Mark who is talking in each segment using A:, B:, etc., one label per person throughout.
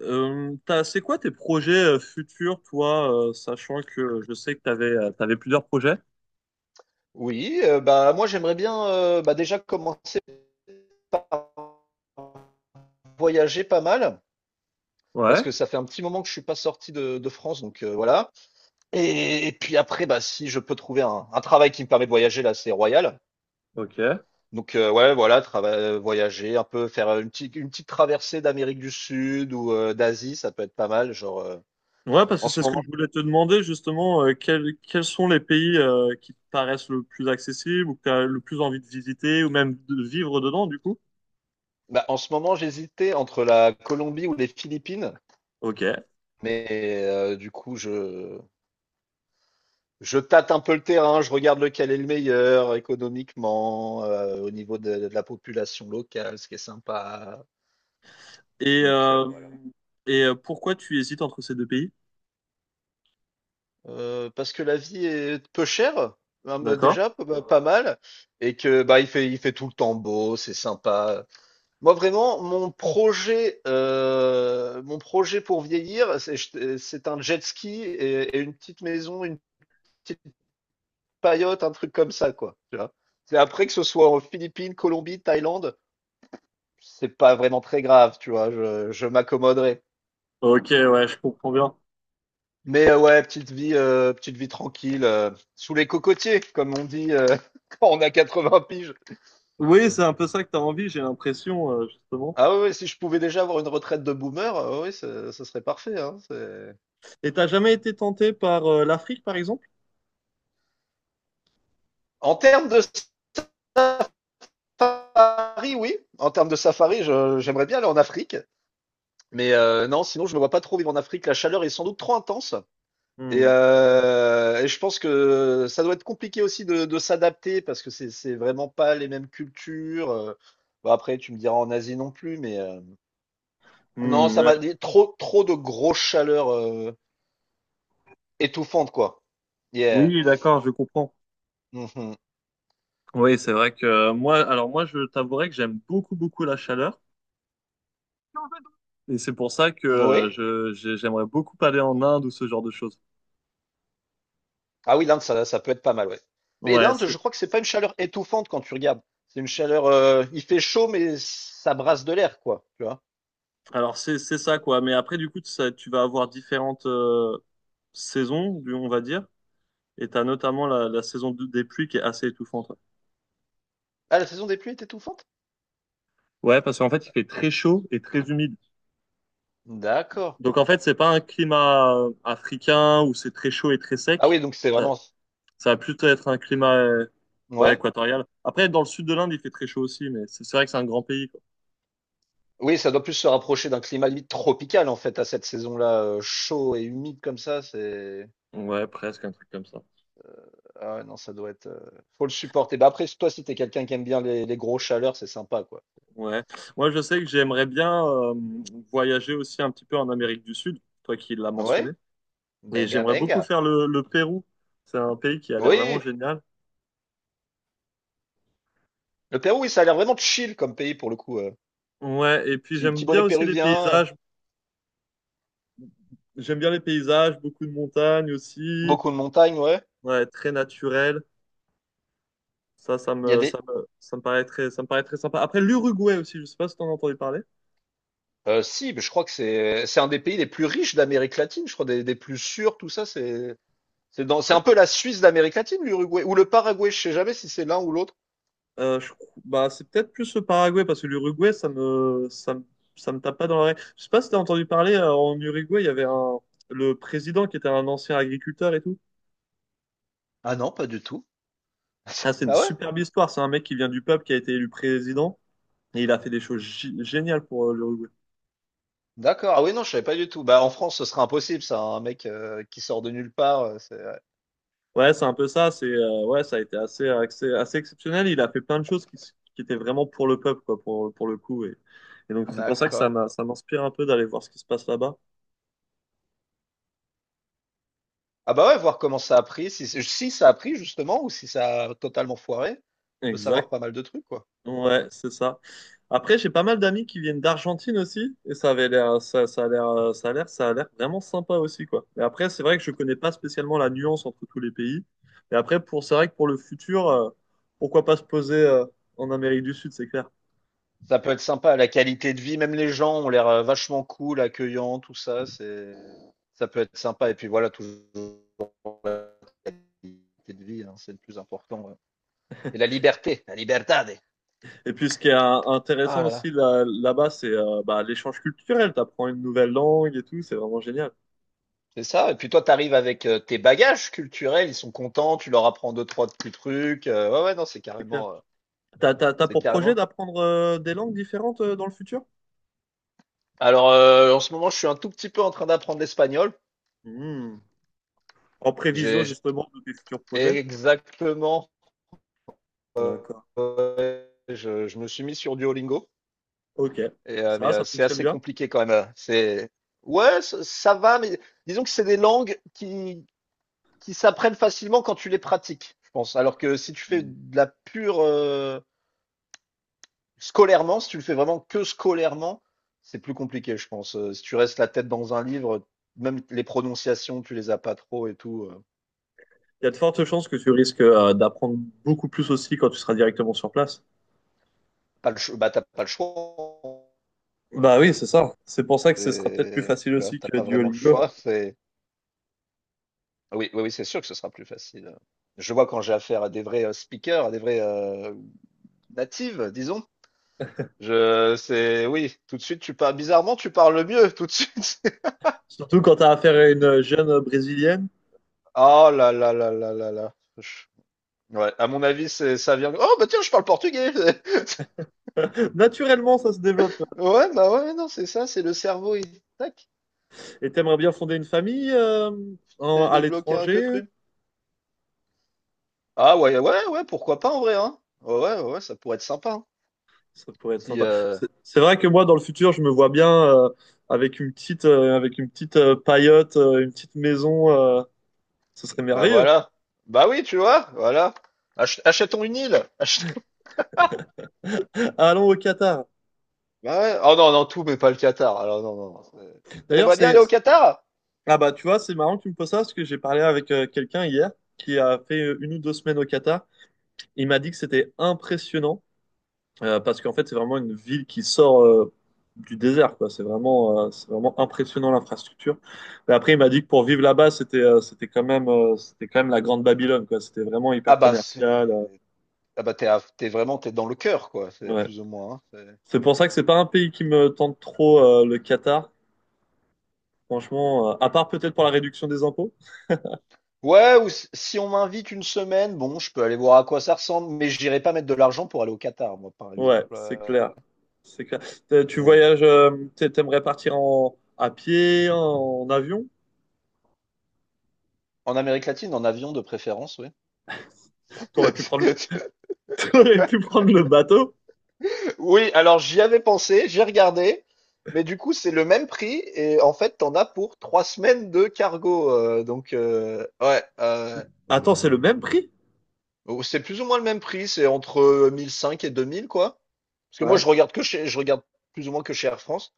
A: C'est quoi tes projets futurs, toi, sachant que je sais que t'avais plusieurs projets?
B: Oui, bah moi j'aimerais bien bah, déjà commencer à voyager pas mal parce que
A: Ouais,
B: ça fait un petit moment que je suis pas sorti de France donc voilà. Et puis après bah si je peux trouver un travail qui me permet de voyager là c'est royal.
A: ok.
B: Donc ouais voilà voyager un peu faire une petite traversée d'Amérique du Sud ou d'Asie ça peut être pas mal genre
A: Ouais, parce
B: en
A: que c'est
B: ce
A: ce que
B: moment
A: je voulais te demander, justement, quels sont les pays qui te paraissent le plus accessibles ou que t'as le plus envie de visiter ou même de vivre dedans, du coup?
B: en ce moment j'hésitais entre la Colombie ou les Philippines
A: Ok.
B: mais du coup je tâte un peu le terrain, je regarde lequel est le meilleur économiquement, au niveau de la population locale, ce qui est sympa.
A: Et,
B: Donc
A: euh,
B: voilà.
A: Pourquoi tu hésites entre ces deux pays?
B: Parce que la vie est peu chère, hein, mais
A: D'accord.
B: déjà bah, pas mal, et que bah il fait tout le temps beau, c'est sympa. Moi vraiment, mon projet pour vieillir, c'est c'est un jet ski et une petite maison, une petite paillote, un truc comme ça quoi. Tu vois. C'est après que ce soit en Philippines, Colombie, Thaïlande. C'est pas vraiment très grave, tu vois, je m'accommoderai.
A: Ok, ouais, je comprends bien.
B: Mais ouais, petite vie tranquille, sous les cocotiers, comme on dit quand on a 80 piges.
A: Oui, c'est un peu ça que t'as envie, j'ai l'impression, justement.
B: Ah ouais, ouais, si je pouvais déjà avoir une retraite de boomer, ouais, ce serait parfait, hein.
A: Et t'as jamais été tenté par l'Afrique, par exemple?
B: En termes de safari, oui. En termes de safari, j'aimerais bien aller en Afrique. Mais non, sinon, je me vois pas trop vivre en Afrique. La chaleur est sans doute trop intense. Et,
A: Hmm.
B: euh, et je pense que ça doit être compliqué aussi de s'adapter parce que c'est vraiment pas les mêmes cultures. Bon, après, tu me diras en Asie non plus, mais non,
A: Hmm,
B: ça
A: ouais.
B: m'a dit trop trop de grosses chaleurs étouffantes quoi. Yeah.
A: Oui, d'accord, je comprends.
B: Mhm.
A: Oui, c'est vrai que moi, alors moi, je t'avouerai que j'aime beaucoup, beaucoup la chaleur. Et c'est pour ça que
B: Oui.
A: j'aimerais beaucoup aller en Inde ou ce genre de choses.
B: Ah oui, l'Inde, ça peut être pas mal, ouais. Mais
A: Ouais,
B: l'Inde,
A: c'est-
B: je crois que c'est pas une chaleur étouffante quand tu regardes. C'est une chaleur, il fait chaud, mais ça brasse de l'air, quoi. Tu vois.
A: alors c'est ça quoi. Mais après du coup, tu vas avoir différentes saisons, on va dire. Et t'as notamment la des pluies qui est assez étouffante. Ouais,
B: Ah, la saison des pluies est étouffante?
A: ouais, parce qu'en fait, il fait très chaud et très humide.
B: D'accord.
A: Donc en fait, c'est pas un climat africain où c'est très chaud et très
B: Ah
A: sec.
B: oui, donc c'est
A: Euh,
B: vraiment.
A: Ça va plutôt être un climat ouais,
B: Ouais.
A: équatorial. Après, dans le sud de l'Inde, il fait très chaud aussi, mais c'est vrai que c'est un grand pays, quoi.
B: Oui, ça doit plus se rapprocher d'un climat limite tropical en fait à cette saison-là, chaud et humide comme ça, c'est
A: Ouais, presque un truc comme ça.
B: ah ouais non ça doit être, faut le supporter. Bah, après toi si t'es quelqu'un qui aime bien les grosses chaleurs, c'est sympa quoi.
A: Ouais. Moi, je sais que j'aimerais bien voyager aussi un petit peu en Amérique du Sud, toi qui l'as mentionné.
B: Ouais,
A: Et
B: benga
A: j'aimerais beaucoup
B: benga.
A: faire le Pérou. C'est un pays qui a l'air vraiment
B: Oui,
A: génial.
B: le Pérou, oui, ça a l'air vraiment chill comme pays pour le coup,
A: Ouais, et puis
B: petit
A: j'aime
B: petit
A: bien
B: bonnet
A: aussi les
B: péruvien,
A: paysages. J'aime bien les paysages, beaucoup de montagnes aussi.
B: beaucoup de montagnes, ouais.
A: Ouais, très naturel.
B: Il y a des
A: Ça me paraît ça me paraît très sympa. Après, l'Uruguay aussi, je sais pas si t'en as entendu parler.
B: Si, mais je crois que c'est un des pays les plus riches d'Amérique latine, je crois des plus sûrs, tout ça, c'est un peu la Suisse d'Amérique latine, l'Uruguay ou le Paraguay, je sais jamais si c'est l'un ou l'autre.
A: Bah, c'est peut-être plus le Paraguay parce que l'Uruguay, ça me tape pas dans l'oreille. Je sais pas si t'as entendu parler, en Uruguay, il y avait un, le président qui était un ancien agriculteur et tout.
B: Ah non, pas du tout.
A: Ah, c'est une
B: Ah ouais?
A: superbe histoire. C'est un mec qui vient du peuple, qui a été élu président et il a fait des choses géniales pour l'Uruguay.
B: D'accord. Ah oui, non, je savais pas du tout. Bah, en France, ce serait impossible, ça, hein. Un mec qui sort de nulle part, ouais.
A: Ouais, c'est un peu ça. Ouais, ça a été assez exceptionnel. Il a fait plein de choses qui étaient vraiment pour le peuple, quoi, pour le coup. Et donc, c'est pour ça que
B: D'accord.
A: ça m'inspire un peu d'aller voir ce qui se passe là-bas.
B: Ah bah ouais, voir comment ça a pris, si, si ça a pris, justement, ou si ça a totalement foiré. On peut savoir
A: Exact.
B: pas mal de trucs, quoi.
A: Ouais, c'est ça. Après, j'ai pas mal d'amis qui viennent d'Argentine aussi, et ça avait l'air, ça a l'air, ça a l'air, ça a l'air vraiment sympa aussi, quoi. Mais après, c'est vrai que je connais pas spécialement la nuance entre tous les pays. Mais après, c'est vrai que pour le futur, pourquoi pas se poser, en Amérique du Sud, c'est clair.
B: Ça peut être sympa, la qualité de vie, même les gens ont l'air vachement cool, accueillants, tout ça, Ça peut être sympa. Et puis voilà, toujours la qualité de vie, hein, c'est le plus important. Ouais. Et la liberté, la libertad.
A: Et puis, ce qui est
B: Ah
A: intéressant
B: là là.
A: aussi là-bas, bah, l'échange culturel. T'apprends une nouvelle langue et tout, c'est vraiment génial,
B: C'est ça. Et puis toi, tu arrives avec tes bagages culturels, ils sont contents, tu leur apprends deux, trois petits trucs. Ouais, ouais, non,
A: c'est clair. T'as
B: c'est
A: pour projet
B: carrément.
A: d'apprendre, des langues différentes, dans le futur?
B: Alors, en ce moment, je suis un tout petit peu en train d'apprendre l'espagnol.
A: Hmm. En prévision,
B: J'ai j'ai-
A: justement, de tes futurs projets?
B: Exactement,
A: D'accord.
B: je me suis mis sur Duolingo,
A: Ok.
B: mais
A: Ça
B: c'est
A: fonctionne
B: assez
A: bien.
B: compliqué quand même. C'est, ouais, ça va, mais disons que c'est des langues qui s'apprennent facilement quand tu les pratiques, je pense. Alors que si tu fais
A: Mm.
B: de la pure, si tu le fais vraiment que scolairement, c'est plus compliqué, je pense. Si tu restes la tête dans un livre, même les prononciations, tu les as pas trop et tout.
A: Il y a de fortes chances que tu risques d'apprendre beaucoup plus aussi quand tu seras directement sur place.
B: Pas le, cho- Bah, t'as pas le choix.
A: Bah oui, c'est ça. C'est pour ça que ce sera peut-être plus facile
B: Tu vois,
A: aussi
B: t'as
A: que
B: pas vraiment le
A: Duolingo.
B: choix. C'est, oui, oui, oui, c'est sûr que ce sera plus facile. Je vois quand j'ai affaire à des vrais speakers, à des vrais natives, disons. C'est, oui, tout de suite, tu parles, bizarrement, tu parles mieux, tout de suite.
A: Surtout quand tu as affaire à une jeune brésilienne.
B: Oh là là là là là là. Ouais, à mon avis, c'est, ça vient. Oh, bah tiens, je parle portugais!
A: Naturellement, ça se développe.
B: Ouais, bah ouais, non, c'est ça, c'est le cerveau, il tac,
A: Et t'aimerais bien fonder une famille
B: t'as
A: à
B: débloqué un
A: l'étranger?
B: que truc. Ah ouais, ouais, ouais, pourquoi pas en vrai, hein? Ouais, ouais, ouais, ouais, ça pourrait être sympa, hein.
A: Ça pourrait être
B: Si,
A: sympa. C'est vrai que moi, dans le futur, je me vois bien euh, avec une avec une petite paillote, une petite maison. Ce serait
B: bah
A: merveilleux.
B: voilà. Bah oui, tu vois, voilà. Achetons une île!
A: Allons au Qatar.
B: Bah ouais. Oh non, non, tout, mais pas le Qatar. Alors non, non.
A: D'ailleurs,
B: T'aimerais bien
A: c'est...
B: aller au Qatar?
A: Ah bah, tu vois, c'est marrant que tu me poses ça parce que j'ai parlé avec quelqu'un hier qui a fait une ou deux semaines au Qatar. Il m'a dit que c'était impressionnant parce qu'en fait, c'est vraiment une ville qui sort du désert, quoi. C'est vraiment impressionnant l'infrastructure. Mais après, il m'a dit que pour vivre là-bas, c'était quand même la grande Babylone, quoi. C'était vraiment
B: Ah
A: hyper
B: bah
A: commercial.
B: c'est. Ah bah t'es à- t'es vraiment t'es dans le cœur, quoi, c'est
A: Ouais.
B: plus ou moins, hein.
A: C'est pour ça que c'est pas un pays qui me tente trop, le Qatar. Franchement, à part peut-être pour la réduction des impôts.
B: Ouais, ou si on m'invite une semaine, bon, je peux aller voir à quoi ça ressemble, mais j'irai pas mettre de l'argent pour aller au Qatar, moi, par exemple.
A: Ouais, c'est clair. C'est clair. Tu
B: Non, non.
A: voyages, t'aimerais partir en, à pied, en, avion?
B: En Amérique latine, en avion de préférence, oui.
A: T'aurais pu prendre, t'aurais pu prendre le bateau.
B: Oui, alors j'y avais pensé, j'ai regardé, mais du coup, c'est le même prix et en fait, t'en as pour 3 semaines de cargo. Donc, ouais,
A: Attends, c'est le même prix?
B: bon, c'est plus ou moins le même prix, c'est entre 1005 et 2000, quoi. Parce que moi,
A: Ouais.
B: je regarde plus ou moins que chez Air France.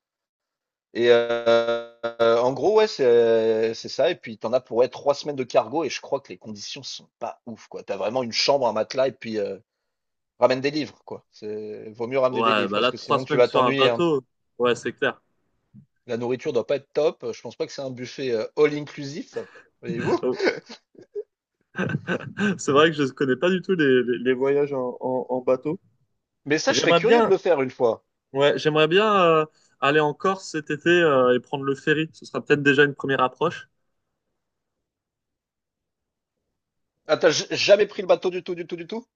B: Et euh, En gros, ouais, c'est ça. Et puis, t'en as pour ouais, 3 semaines de cargo. Et je crois que les conditions sont pas ouf, quoi. T'as vraiment une chambre, un matelas, et puis ramène des livres, quoi. Vaut mieux ramener des
A: Ouais,
B: livres
A: bah
B: parce
A: là,
B: que
A: trois
B: sinon, tu
A: semaines
B: vas
A: sur un
B: t'ennuyer, hein.
A: bateau. Ouais, c'est clair.
B: La nourriture doit pas être top. Je pense pas que c'est un buffet all inclusif, voyez-vous.
A: Oh, c'est vrai que je ne connais pas du tout les voyages en bateau.
B: Mais ça, je serais
A: J'aimerais
B: curieux de
A: bien,
B: le faire une fois.
A: ouais, j'aimerais bien aller en Corse cet été et prendre le ferry. Ce sera peut-être déjà une première approche.
B: Ah, t'as jamais pris le bateau du tout, du tout, du tout?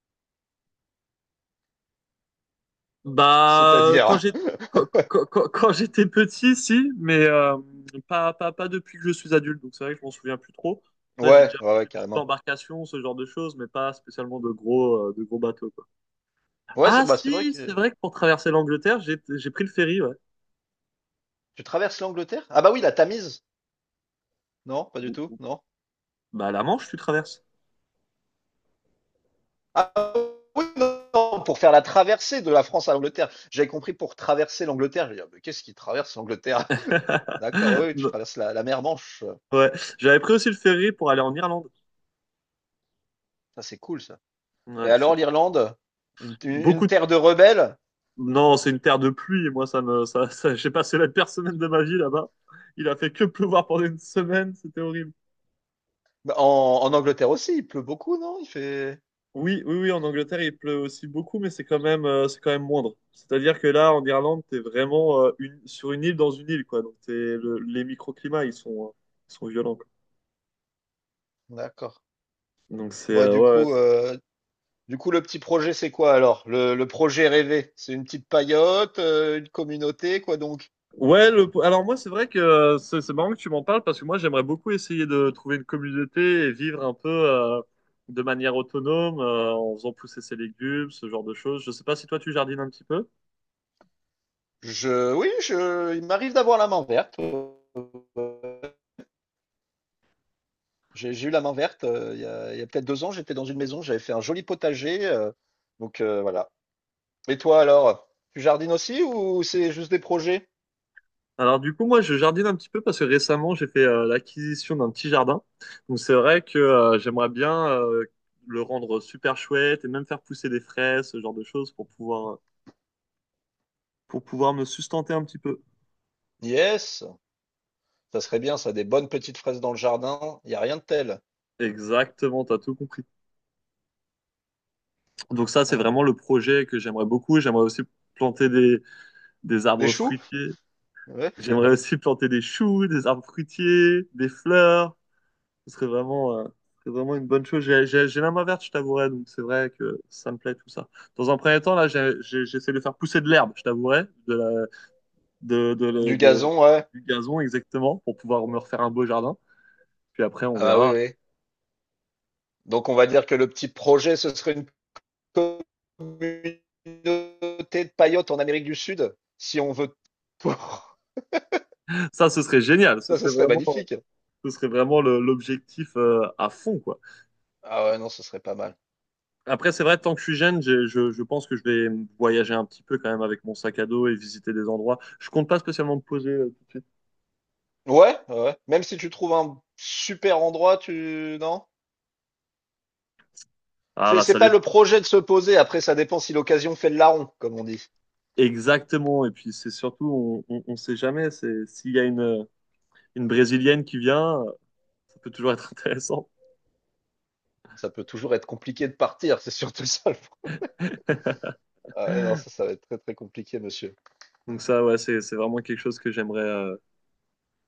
A: Bah, quand
B: C'est-à-dire.
A: j'ai- quand, quand- quand- Quand j'étais petit, si, mais pas depuis que je suis adulte, donc c'est vrai que je m'en souviens plus trop. Après, j'ai
B: Ouais,
A: déjà
B: ouais,
A: fait
B: ouais,
A: des petites
B: carrément.
A: embarcations, ce genre de choses, mais pas spécialement de gros bateaux, quoi.
B: Ouais, c'est
A: Ah,
B: bah, c'est vrai
A: si, c'est
B: que
A: vrai que pour traverser l'Angleterre, j'ai pris le ferry, ouais.
B: tu traverses l'Angleterre? Ah bah oui, la Tamise. Non, pas du tout. Non.
A: Bah, la Manche, tu traverses.
B: Ah oui, non, pour faire la traversée de la France à l'Angleterre. J'avais compris pour traverser l'Angleterre. J'ai dit, ah, mais qu'est-ce qui traverse l'Angleterre? D'accord, oui, oui, tu
A: Non,
B: traverses la mer Manche.
A: ouais, j'avais pris aussi le ferry pour aller en Irlande.
B: Ça, c'est cool, ça. Et
A: Ouais, c'est
B: alors,
A: top.
B: l'Irlande, une
A: Beaucoup
B: terre de rebelles?
A: non, c'est une terre de pluie. Moi, ça me, ça- j'ai passé la pire semaine de ma vie là-bas. Il a fait que pleuvoir pendant une semaine. C'était horrible.
B: Bah, en Angleterre aussi, il pleut beaucoup, non? Il fait.
A: Oui, oui, oui, en Angleterre, il pleut aussi beaucoup, mais c'est quand même moindre. C'est-à-dire que là, en Irlande, t'es vraiment sur une île dans une île, quoi. Donc, les microclimats, ils sont violents, quoi.
B: D'accord.
A: Donc, c'est,
B: Bon, et
A: ouais, ouais.
B: du coup, le petit projet, c'est quoi alors? Le projet rêvé? C'est une petite paillote, une communauté, quoi donc?
A: Ouais, le... alors moi, c'est vrai que c'est marrant que tu m'en parles parce que moi, j'aimerais beaucoup essayer de trouver une communauté et vivre un peu de manière autonome en faisant pousser ses légumes, ce genre de choses. Je sais pas si toi, tu jardines un petit peu.
B: Oui, il m'arrive d'avoir la main verte. Ouais. J'ai eu la main verte, il y a peut-être 2 ans, j'étais dans une maison, j'avais fait un joli potager, donc voilà. Et toi alors, tu jardines aussi ou c'est juste des projets?
A: Alors du coup, moi, je jardine un petit peu parce que récemment, j'ai fait l'acquisition d'un petit jardin. Donc c'est vrai que j'aimerais bien le rendre super chouette et même faire pousser des fraises, ce genre de choses pour pouvoir me sustenter un petit peu.
B: Yes! Ça serait bien ça, des bonnes petites fraises dans le jardin, il y a rien de tel.
A: Exactement, t'as tout compris. Donc ça, c'est vraiment le
B: Ah.
A: projet que j'aimerais beaucoup. J'aimerais aussi planter des
B: Des
A: arbres
B: choux?
A: fruitiers.
B: Ouais.
A: J'aimerais aussi planter des choux, des arbres fruitiers, des fleurs. Ce serait vraiment une bonne chose. J'ai la main verte, je t'avouerai, donc c'est vrai que ça me plaît tout ça. Dans un premier temps, là, j'essaie de faire pousser de l'herbe, je t'avouerai, de la,
B: Du
A: de-
B: gazon, ouais.
A: du gazon exactement, pour pouvoir me refaire un beau jardin. Puis après, on
B: Ah bah, oui,
A: verra.
B: oui. Donc on va dire que le petit projet, ce serait une communauté de paillotes en Amérique du Sud, si on veut.
A: Ça, ce serait génial.
B: Ça, ce serait magnifique.
A: Ce serait vraiment l'objectif, à fond, quoi.
B: Ah ouais, non, ce serait pas mal.
A: Après, c'est vrai, tant que je suis jeune, je pense que je vais voyager un petit peu quand même avec mon sac à dos et visiter des endroits. Je compte pas spécialement me poser tout de suite.
B: Ouais, ouais. Même si tu trouves un super endroit, tu? Non?
A: Ah
B: C'est,
A: bah
B: c'est
A: ça
B: pas le
A: dépend.
B: projet de se poser. Après, ça dépend si l'occasion fait le larron, comme on dit.
A: Exactement. Et puis c'est surtout, on sait jamais. C'est s'il y a une Brésilienne qui vient, ça peut toujours être intéressant.
B: Ça peut toujours être compliqué de partir. C'est surtout ça. Ah ouais, non, ça va être très, très compliqué, monsieur.
A: Donc ça, ouais, c'est vraiment quelque chose que j'aimerais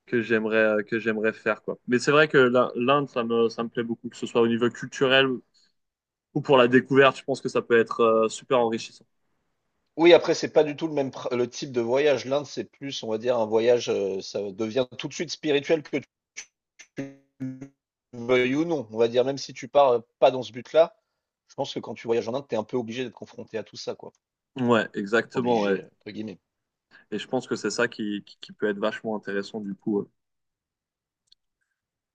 A: que j'aimerais que j'aimerais faire quoi. Mais c'est vrai que l'Inde, ça me plaît beaucoup, que ce soit au niveau culturel ou pour la découverte. Je pense que ça peut être super enrichissant.
B: Oui, après, c'est pas du tout le même le type de voyage. L'Inde, c'est plus, on va dire, un voyage, ça devient tout de suite spirituel que tu veuilles ou non. On va dire, même si tu pars pas dans ce but-là, je pense que quand tu voyages en Inde, tu es un peu obligé d'être confronté à tout ça, quoi.
A: Ouais, exactement. Ouais.
B: Obligé, entre guillemets.
A: Et je pense que c'est ça qui peut être vachement intéressant du coup.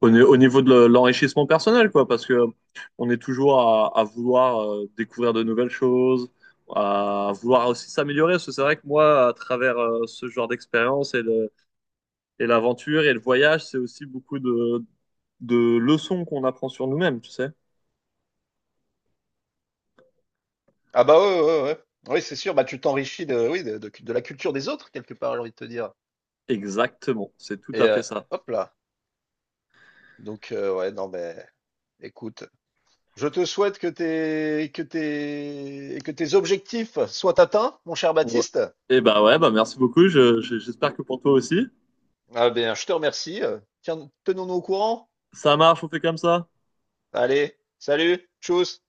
A: Au, ni- Au niveau de l'enrichissement personnel, quoi, parce que on est toujours à vouloir découvrir de nouvelles choses, à vouloir aussi s'améliorer. Parce que c'est vrai que moi, à travers ce genre d'expérience et et l'aventure et le voyage, c'est aussi beaucoup de leçons qu'on apprend sur nous-mêmes, tu sais.
B: Ah bah ouais, ouais, ouais. Ouais. Oui, c'est sûr, bah tu t'enrichis oui, de la culture des autres, quelque part, j'ai envie de te dire.
A: Exactement, c'est tout
B: Et
A: à
B: euh,
A: fait ça.
B: Hop là. Donc ouais, non mais écoute, je te souhaite que tes objectifs soient atteints, mon cher
A: Ouais.
B: Baptiste.
A: Et bah ouais, bah merci beaucoup. J'espère que pour toi aussi.
B: Ah bien, je te remercie. Tiens, tenons-nous au courant.
A: Ça marche, on fait comme ça.
B: Allez, salut, tchuss.